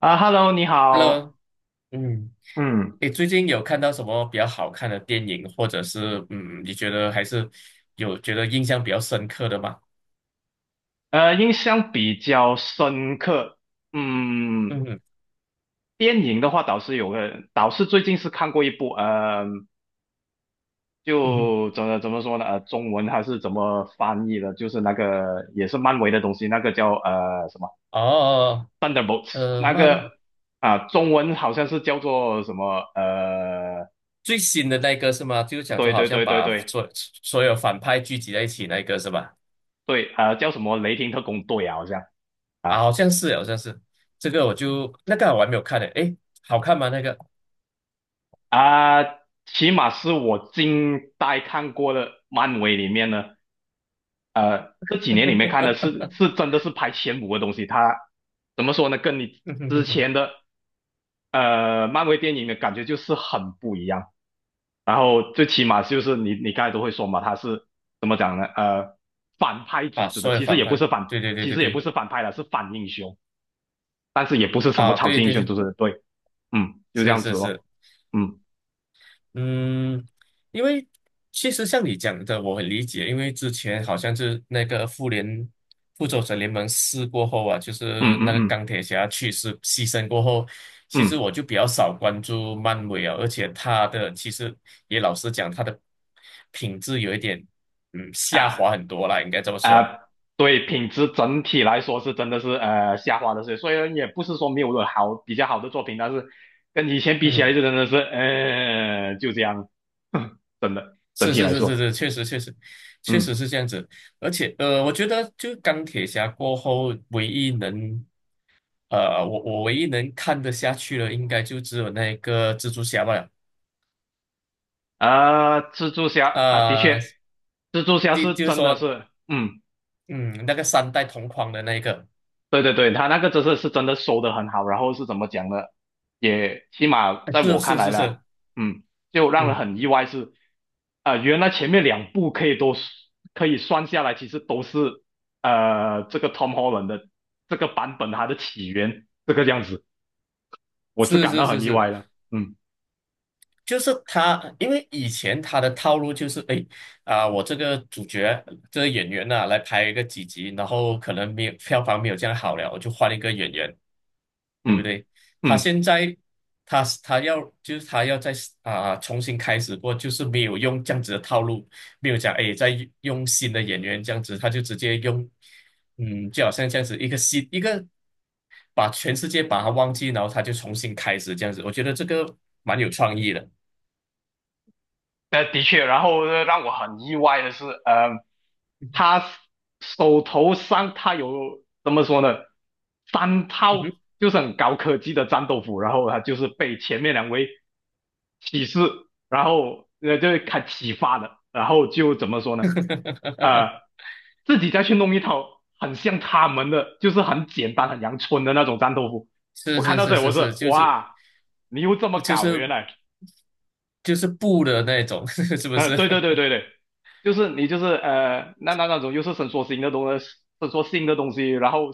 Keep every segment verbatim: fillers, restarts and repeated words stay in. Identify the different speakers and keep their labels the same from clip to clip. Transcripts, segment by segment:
Speaker 1: 啊，Hello，你
Speaker 2: Hello，
Speaker 1: 好。
Speaker 2: 嗯，
Speaker 1: 嗯
Speaker 2: 你最近有看到什么比较好看的电影，或者是嗯，你觉得还是有觉得印象比较深刻的吗？
Speaker 1: 呃，印象比较深刻，嗯，
Speaker 2: 嗯哼，
Speaker 1: 电影的话倒是有个，倒是最近是看过一部，呃，
Speaker 2: 嗯哼，
Speaker 1: 就怎么怎么说呢？呃，中文还是怎么翻译的？就是那个也是漫威的东西，那个叫呃什么
Speaker 2: 哦，
Speaker 1: 《Thunderbolts》，
Speaker 2: 呃，
Speaker 1: 那
Speaker 2: 漫
Speaker 1: 个啊、中文好像是叫做什么？呃，
Speaker 2: 最新的那个是吗？就是讲说
Speaker 1: 对
Speaker 2: 好
Speaker 1: 对
Speaker 2: 像
Speaker 1: 对对
Speaker 2: 把
Speaker 1: 对
Speaker 2: 所所有反派聚集在一起那个是吧？
Speaker 1: 对，呃，叫什么《雷霆特工队》啊，好像。
Speaker 2: 啊，
Speaker 1: 啊
Speaker 2: 好像是，好像是这个，我就那个我还没有看呢，诶，好看吗？那个
Speaker 1: 啊、起码是我近代看过的漫威里面呢，呃，这几年里面看的是是 真的是排前五的东西。它怎么说呢？跟你之前的呃漫威电影的感觉就是很不一样。然后最起码就是你你刚才都会说嘛，它是怎么讲呢？呃，反派组
Speaker 2: 把
Speaker 1: 织的，
Speaker 2: 所有
Speaker 1: 其实
Speaker 2: 反
Speaker 1: 也不
Speaker 2: 派，
Speaker 1: 是反，
Speaker 2: 对对对
Speaker 1: 其
Speaker 2: 对
Speaker 1: 实也不
Speaker 2: 对，
Speaker 1: 是反派了，是反英雄，但是也不是什么
Speaker 2: 啊，
Speaker 1: 超
Speaker 2: 对
Speaker 1: 级英
Speaker 2: 对
Speaker 1: 雄
Speaker 2: 对，
Speaker 1: 组织的。对，嗯，就这
Speaker 2: 是
Speaker 1: 样
Speaker 2: 是
Speaker 1: 子
Speaker 2: 是。
Speaker 1: 咯。嗯
Speaker 2: 嗯，因为其实像你讲的，我很理解，因为之前好像是那个复联复仇者联盟四过后啊，就
Speaker 1: 嗯
Speaker 2: 是
Speaker 1: 嗯
Speaker 2: 那个
Speaker 1: 嗯
Speaker 2: 钢铁侠去世牺牲过后，其实
Speaker 1: 嗯。
Speaker 2: 我就比较少关注漫威啊，而且他的其实也老实讲，他的品质有一点嗯下
Speaker 1: 啊
Speaker 2: 滑很多啦，应该这么说。
Speaker 1: 啊，对，品质整体来说是真的是呃下滑的，所以所以也不是说没有了好比较好的作品，但是跟以前比起
Speaker 2: 嗯，
Speaker 1: 来就真的是呃就这样。真的整
Speaker 2: 是
Speaker 1: 体
Speaker 2: 是
Speaker 1: 来
Speaker 2: 是是
Speaker 1: 说，
Speaker 2: 是，确实确实确实
Speaker 1: 嗯，
Speaker 2: 是这样子，而且呃，我觉得就钢铁侠过后唯一能呃，我我唯一能看得下去的，应该就只有那个蜘蛛侠吧。
Speaker 1: 啊，蜘蛛侠啊，的
Speaker 2: 呃，
Speaker 1: 确，蜘蛛侠
Speaker 2: 第
Speaker 1: 是
Speaker 2: 就是
Speaker 1: 真的
Speaker 2: 说，
Speaker 1: 是嗯。
Speaker 2: 嗯，那个三代同框的那一个，
Speaker 1: 对对对，他那个真是是真的收的很好，然后是怎么讲呢？也起码
Speaker 2: 哎
Speaker 1: 在
Speaker 2: 是
Speaker 1: 我看
Speaker 2: 是
Speaker 1: 来
Speaker 2: 是
Speaker 1: 呢，
Speaker 2: 是，
Speaker 1: 嗯，就让人
Speaker 2: 嗯，
Speaker 1: 很意外是，啊、原来前面两部可以都可以算下来，其实都是呃这个 Tom Holland 的这个版本它的起源这个样子，我是
Speaker 2: 是
Speaker 1: 感
Speaker 2: 是
Speaker 1: 到
Speaker 2: 是
Speaker 1: 很意
Speaker 2: 是，
Speaker 1: 外的，嗯
Speaker 2: 就是他，因为以前他的套路就是，哎，啊、我这个主角这个演员呐、来拍一个几集，然后可能没有票房没有这样好了，我就换一个演员，对不
Speaker 1: 嗯
Speaker 2: 对？他
Speaker 1: 嗯。
Speaker 2: 现在他他要就是他要在啊、重新开始过，就是没有用这样子的套路，没有讲哎再用新的演员这样子，他就直接用，嗯，就好像这样子一个新一个把全世界把他忘记，然后他就重新开始这样子，我觉得这个蛮有创意的。
Speaker 1: 呃，的确，然后呢让我很意外的是，呃，他手头上他有怎么说呢？三套
Speaker 2: 嗯哼，
Speaker 1: 就是很高科技的战斗服，然后他就是被前面两位启示，然后呃就是开启发的，然后就怎么说呢？呃，自己再去弄一套很像他们的，就是很简单很阳春的那种战斗服。我
Speaker 2: 是
Speaker 1: 看
Speaker 2: 是
Speaker 1: 到这
Speaker 2: 是
Speaker 1: 里，
Speaker 2: 是
Speaker 1: 我是
Speaker 2: 是，就是
Speaker 1: 哇，你又这么
Speaker 2: 就
Speaker 1: 搞，
Speaker 2: 是
Speaker 1: 原来。
Speaker 2: 就是布的那种，是不
Speaker 1: 呃，
Speaker 2: 是？
Speaker 1: 对对对对 对，就是你就是呃，那那那种就是伸缩性的东西，伸缩性的东西，然后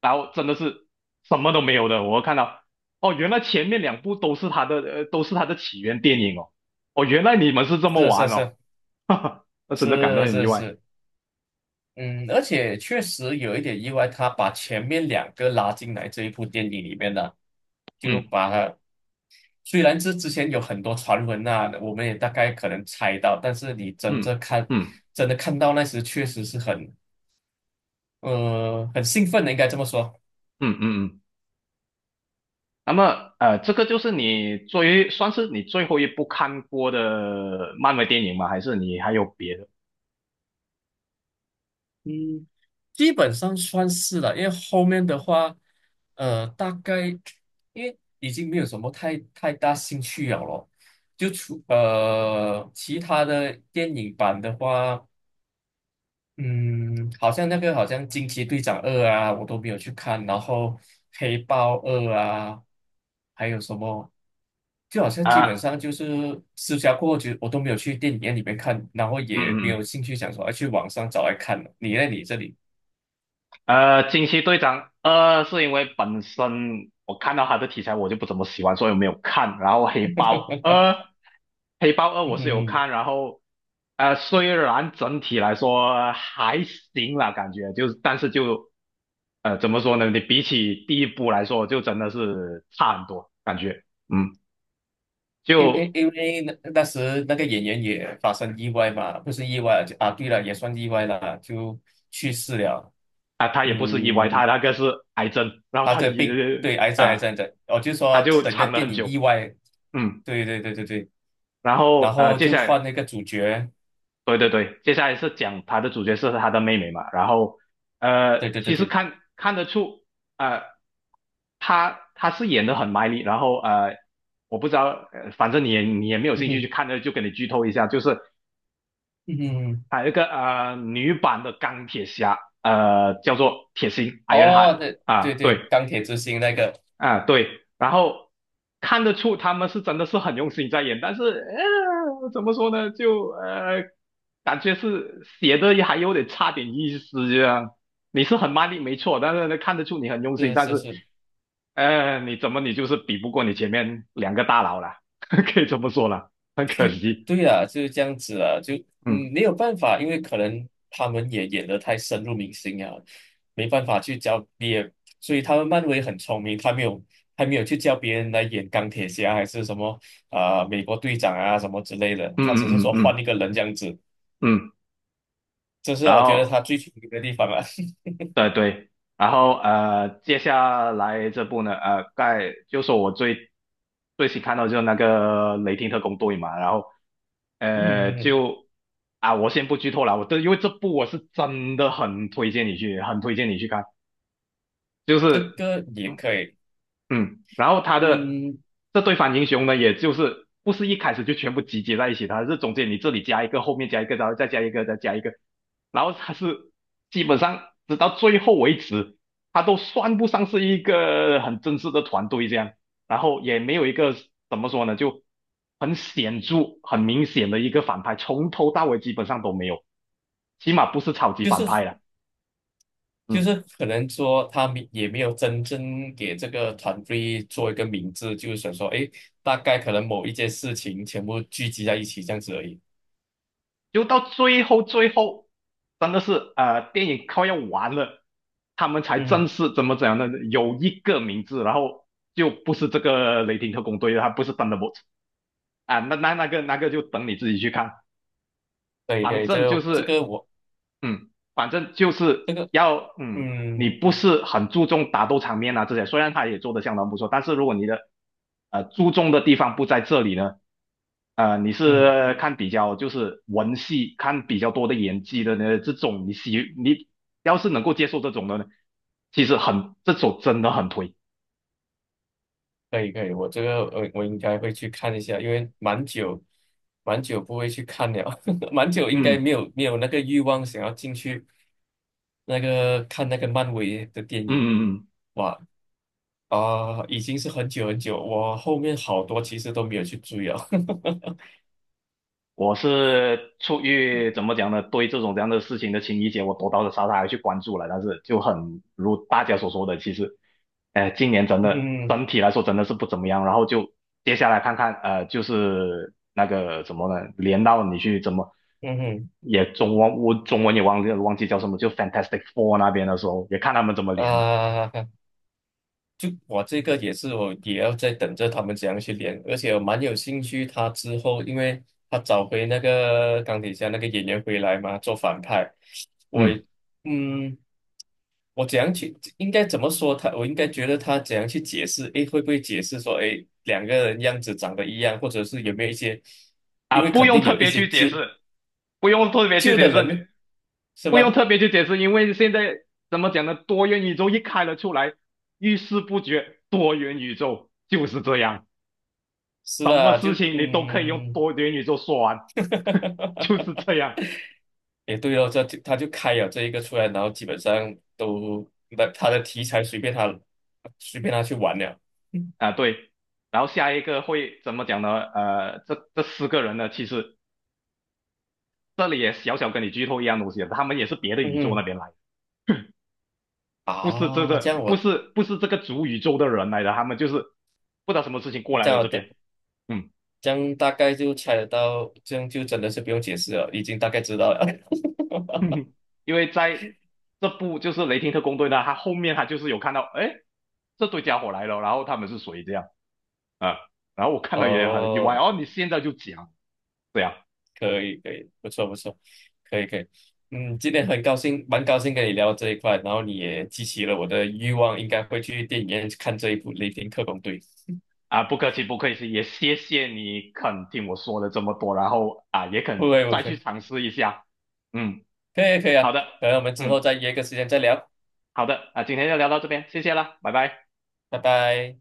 Speaker 1: 然后真的是什么都没有的。我看到哦，原来前面两部都是他的呃，都是他的起源电影哦。哦，原来你们是这么
Speaker 2: 是是
Speaker 1: 玩哦，
Speaker 2: 是
Speaker 1: 哈哈，那真的感到
Speaker 2: 是
Speaker 1: 很意
Speaker 2: 是
Speaker 1: 外。
Speaker 2: 是，嗯，而且确实有一点意外，他把前面两个拉进来这一部电影里面的，就
Speaker 1: 嗯
Speaker 2: 把它虽然这之前有很多传闻啊，我们也大概可能猜到，但是你真
Speaker 1: 嗯
Speaker 2: 正看
Speaker 1: 嗯
Speaker 2: 真的看到那时，确实是很呃很兴奋的，应该这么说。
Speaker 1: 嗯嗯嗯。那么呃，这个就是你最算是你最后一部看过的漫威电影吗？还是你还有别的
Speaker 2: 嗯。基本上算是了，因为后面的话，呃，大概因为已经没有什么太太大兴趣了咯，就除呃其他的电影版的话，嗯，好像那个好像惊奇队长二啊，我都没有去看，然后黑豹二啊，还有什么，就好像基本
Speaker 1: 啊？
Speaker 2: 上就是私下过后就我都没有去电影院里面看，然后
Speaker 1: 嗯
Speaker 2: 也没
Speaker 1: 嗯
Speaker 2: 有
Speaker 1: 嗯
Speaker 2: 兴趣想说要去网上找来看了。你呢？你这里？
Speaker 1: 呃，惊奇队长二是因为本身我看到他的题材我就不怎么喜欢，所以我没有看。然后黑豹二，黑豹二
Speaker 2: 嗯
Speaker 1: 我是有
Speaker 2: 哼
Speaker 1: 看，然后呃，虽然整体来说还行啦，感觉就是，但是就呃怎么说呢？你比起第一部来说，就真的是差很多，感觉嗯，
Speaker 2: 因为
Speaker 1: 就
Speaker 2: 因为那那时那个演员也发生意外嘛，不是意外就啊，对了，也算意外了，就去世了。
Speaker 1: 啊、他也不是意外，
Speaker 2: 嗯，
Speaker 1: 他那个是癌症，然后
Speaker 2: 啊，
Speaker 1: 他
Speaker 2: 对，
Speaker 1: 一
Speaker 2: 病，对，癌症，癌
Speaker 1: 啊、
Speaker 2: 症的，我就
Speaker 1: 他
Speaker 2: 说
Speaker 1: 就
Speaker 2: 整个
Speaker 1: 藏了
Speaker 2: 电
Speaker 1: 很
Speaker 2: 影意
Speaker 1: 久，
Speaker 2: 外，
Speaker 1: 嗯。
Speaker 2: 对对对对对，
Speaker 1: 然
Speaker 2: 然
Speaker 1: 后呃，
Speaker 2: 后
Speaker 1: 接
Speaker 2: 就
Speaker 1: 下来
Speaker 2: 换那个主角，
Speaker 1: 对对对，接下来是讲他的主角是他的妹妹嘛，然后呃，
Speaker 2: 对对
Speaker 1: 其
Speaker 2: 对
Speaker 1: 实
Speaker 2: 对，
Speaker 1: 看看得出，呃，他他是演的很卖力，然后呃，我不知道，呃反正你也你也没有
Speaker 2: 嗯
Speaker 1: 兴趣去
Speaker 2: 哼
Speaker 1: 看的，就给你剧透一下，就是
Speaker 2: 嗯哼，
Speaker 1: 他有一个呃女版的钢铁侠，呃，叫做铁心 Ironheart。
Speaker 2: 哦，对对
Speaker 1: 啊，
Speaker 2: 对，
Speaker 1: 对，
Speaker 2: 钢铁之心那个，
Speaker 1: 啊，对，然后看得出他们是真的是很用心在演，但是呃，怎么说呢，就呃，感觉是写的还有点差点意思这样。你是很卖力没错，但是呢，看得出你很用心，
Speaker 2: 是
Speaker 1: 但
Speaker 2: 是
Speaker 1: 是
Speaker 2: 是，
Speaker 1: 呃，你怎么你就是比不过你前面两个大佬啦，可以这么说啦，很可惜。
Speaker 2: 对啊，就是这样子啊，就
Speaker 1: 嗯
Speaker 2: 嗯没有办法，因为可能他们也演得太深入民心啊，没办法去教别，所以他们漫威很聪明，他没有他没有去叫别人来演钢铁侠还是什么啊、呃美国队长啊什么之类的，
Speaker 1: 嗯
Speaker 2: 他只是
Speaker 1: 嗯嗯
Speaker 2: 说换一
Speaker 1: 嗯
Speaker 2: 个人这样子，
Speaker 1: 嗯，嗯
Speaker 2: 这是
Speaker 1: 然
Speaker 2: 我觉得
Speaker 1: 后。
Speaker 2: 他最聪明的地方啊。
Speaker 1: 对对，然后呃，接下来这部呢，呃，盖就说我最最新看到就是那个雷霆特工队嘛，然后呃，
Speaker 2: 嗯，
Speaker 1: 就啊，我先不剧透了，我这因为这部我是真的很推荐你去，很推荐你去看，就
Speaker 2: 这
Speaker 1: 是。
Speaker 2: 个也
Speaker 1: 嗯。
Speaker 2: 可以，
Speaker 1: 嗯，然后他的
Speaker 2: 嗯，
Speaker 1: 这对反英雄呢，也就是不是一开始就全部集结在一起，他是中间你这里加一个，后面加一个，然后再加一个，再加一个，然后他是基本上直到最后为止，他都算不上是一个很正式的团队这样，然后也没有一个怎么说呢，就很显著、很明显的一个反派，从头到尾基本上都没有，起码不是超级反派了。
Speaker 2: 就
Speaker 1: 嗯。
Speaker 2: 是可能说他们也没有真正给这个团队做一个名字，就是想说，哎，大概可能某一件事情全部聚集在一起这样子而已。
Speaker 1: 就到最后最后，真的是呃，电影快要完了，他们才
Speaker 2: 嗯，
Speaker 1: 正式怎么怎样呢？有一个名字，然后就不是这个雷霆特工队了，他不是 Thunderbolt。 啊，那那那个那个就等你自己去看，
Speaker 2: 可以可
Speaker 1: 反
Speaker 2: 以，这
Speaker 1: 正就
Speaker 2: 个这
Speaker 1: 是
Speaker 2: 个我
Speaker 1: 嗯，反正就是
Speaker 2: 这个
Speaker 1: 要，嗯，你
Speaker 2: 嗯
Speaker 1: 不是很注重打斗场面啊这些，虽然他也做的相当不错，但是如果你的呃注重的地方不在这里呢，呃，你
Speaker 2: 嗯，
Speaker 1: 是看比较就是文戏，看比较多的演技的呢，这种你喜你要是能够接受这种的呢，其实很这种真的很推，
Speaker 2: 可以可以，我这个我我应该会去看一下，因为蛮久蛮久不会去看了，蛮久应该
Speaker 1: 嗯
Speaker 2: 没有没有那个欲望想要进去那个看那个漫威的
Speaker 1: 嗯
Speaker 2: 电影。
Speaker 1: 嗯嗯，
Speaker 2: 哇，啊、已经是很久很久，我后面好多其实都没有去追了。
Speaker 1: 我是出于怎么讲呢，对这种这样的事情的情理解，我多多少少还去关注了，但是就很如大家所说的，其实。呃，今年真的
Speaker 2: 嗯
Speaker 1: 整体来说真的是不怎么样，然后就接下来看看，呃，就是那个怎么呢，连到你去怎么
Speaker 2: 嗯哼，
Speaker 1: 也中文我中文也忘记忘记叫什么，就 Fantastic Four 那边的时候，也看他们怎么连了。
Speaker 2: 啊、就我这个也是，我也要在等着他们怎样去连，而且我蛮有兴趣他之后，因为他找回那个钢铁侠那个演员回来嘛，做反派，我
Speaker 1: 嗯
Speaker 2: 也嗯，我怎样去应该怎么说他？我应该觉得他怎样去解释？诶，会不会解释说，诶，两个人样子长得一样，或者是有没有一些？因
Speaker 1: 啊，
Speaker 2: 为
Speaker 1: 不
Speaker 2: 肯
Speaker 1: 用
Speaker 2: 定
Speaker 1: 特
Speaker 2: 有一
Speaker 1: 别
Speaker 2: 些
Speaker 1: 去解
Speaker 2: 纠
Speaker 1: 释，不用特别去
Speaker 2: 救的
Speaker 1: 解释，
Speaker 2: 人
Speaker 1: 你
Speaker 2: 呢，是
Speaker 1: 不用
Speaker 2: 吧？
Speaker 1: 特别去解释，因为现在怎么讲呢，多元宇宙一开了出来，遇事不决，多元宇宙就是这样。
Speaker 2: 是
Speaker 1: 什么
Speaker 2: 的，就
Speaker 1: 事情你都可以用
Speaker 2: 嗯，
Speaker 1: 多元宇宙说完，就是 这样
Speaker 2: 也对哦，这就他就开了这一个出来，然后基本上都那他的题材随便他随便他去玩了。嗯
Speaker 1: 啊，对。然后下一个会怎么讲呢？呃，这这四个人呢，其实这里也小小跟你剧透一样东西，他们也是别的宇宙那
Speaker 2: 嗯
Speaker 1: 边来的，不是这
Speaker 2: 啊，这
Speaker 1: 个，
Speaker 2: 样
Speaker 1: 不
Speaker 2: 我
Speaker 1: 是不是这个主宇宙的人来的，他们就是不知道什么事情过来
Speaker 2: 这
Speaker 1: 了
Speaker 2: 样我
Speaker 1: 这
Speaker 2: 大
Speaker 1: 边，嗯，
Speaker 2: 这样大概就猜得到，这样就真的是不用解释了，已经大概知道了。
Speaker 1: 因为在这部就是雷霆特工队呢，他后面他就是有看到，哎，这对家伙来了，然后他们是谁这样啊？然后我 看到也很意外，
Speaker 2: 哦，
Speaker 1: 哦，你现在就讲，对啊，
Speaker 2: 可以可以，不错不错，可以可以。嗯，今天很高兴，蛮高兴跟你聊这一块，然后你也激起了我的欲望，应该会去电影院看这一部《雷霆特工队》。
Speaker 1: 啊，不客气，不客气，也谢谢你肯听我说了这么多，然后啊，也
Speaker 2: 不
Speaker 1: 肯
Speaker 2: 会不
Speaker 1: 再去
Speaker 2: 会，
Speaker 1: 尝试一下。嗯，
Speaker 2: 可以可以
Speaker 1: 好
Speaker 2: 啊，
Speaker 1: 的，
Speaker 2: 可能我们之后
Speaker 1: 嗯，
Speaker 2: 再约个时间再聊，
Speaker 1: 好的，啊，今天就聊到这边，谢谢啦，拜拜。
Speaker 2: 拜拜。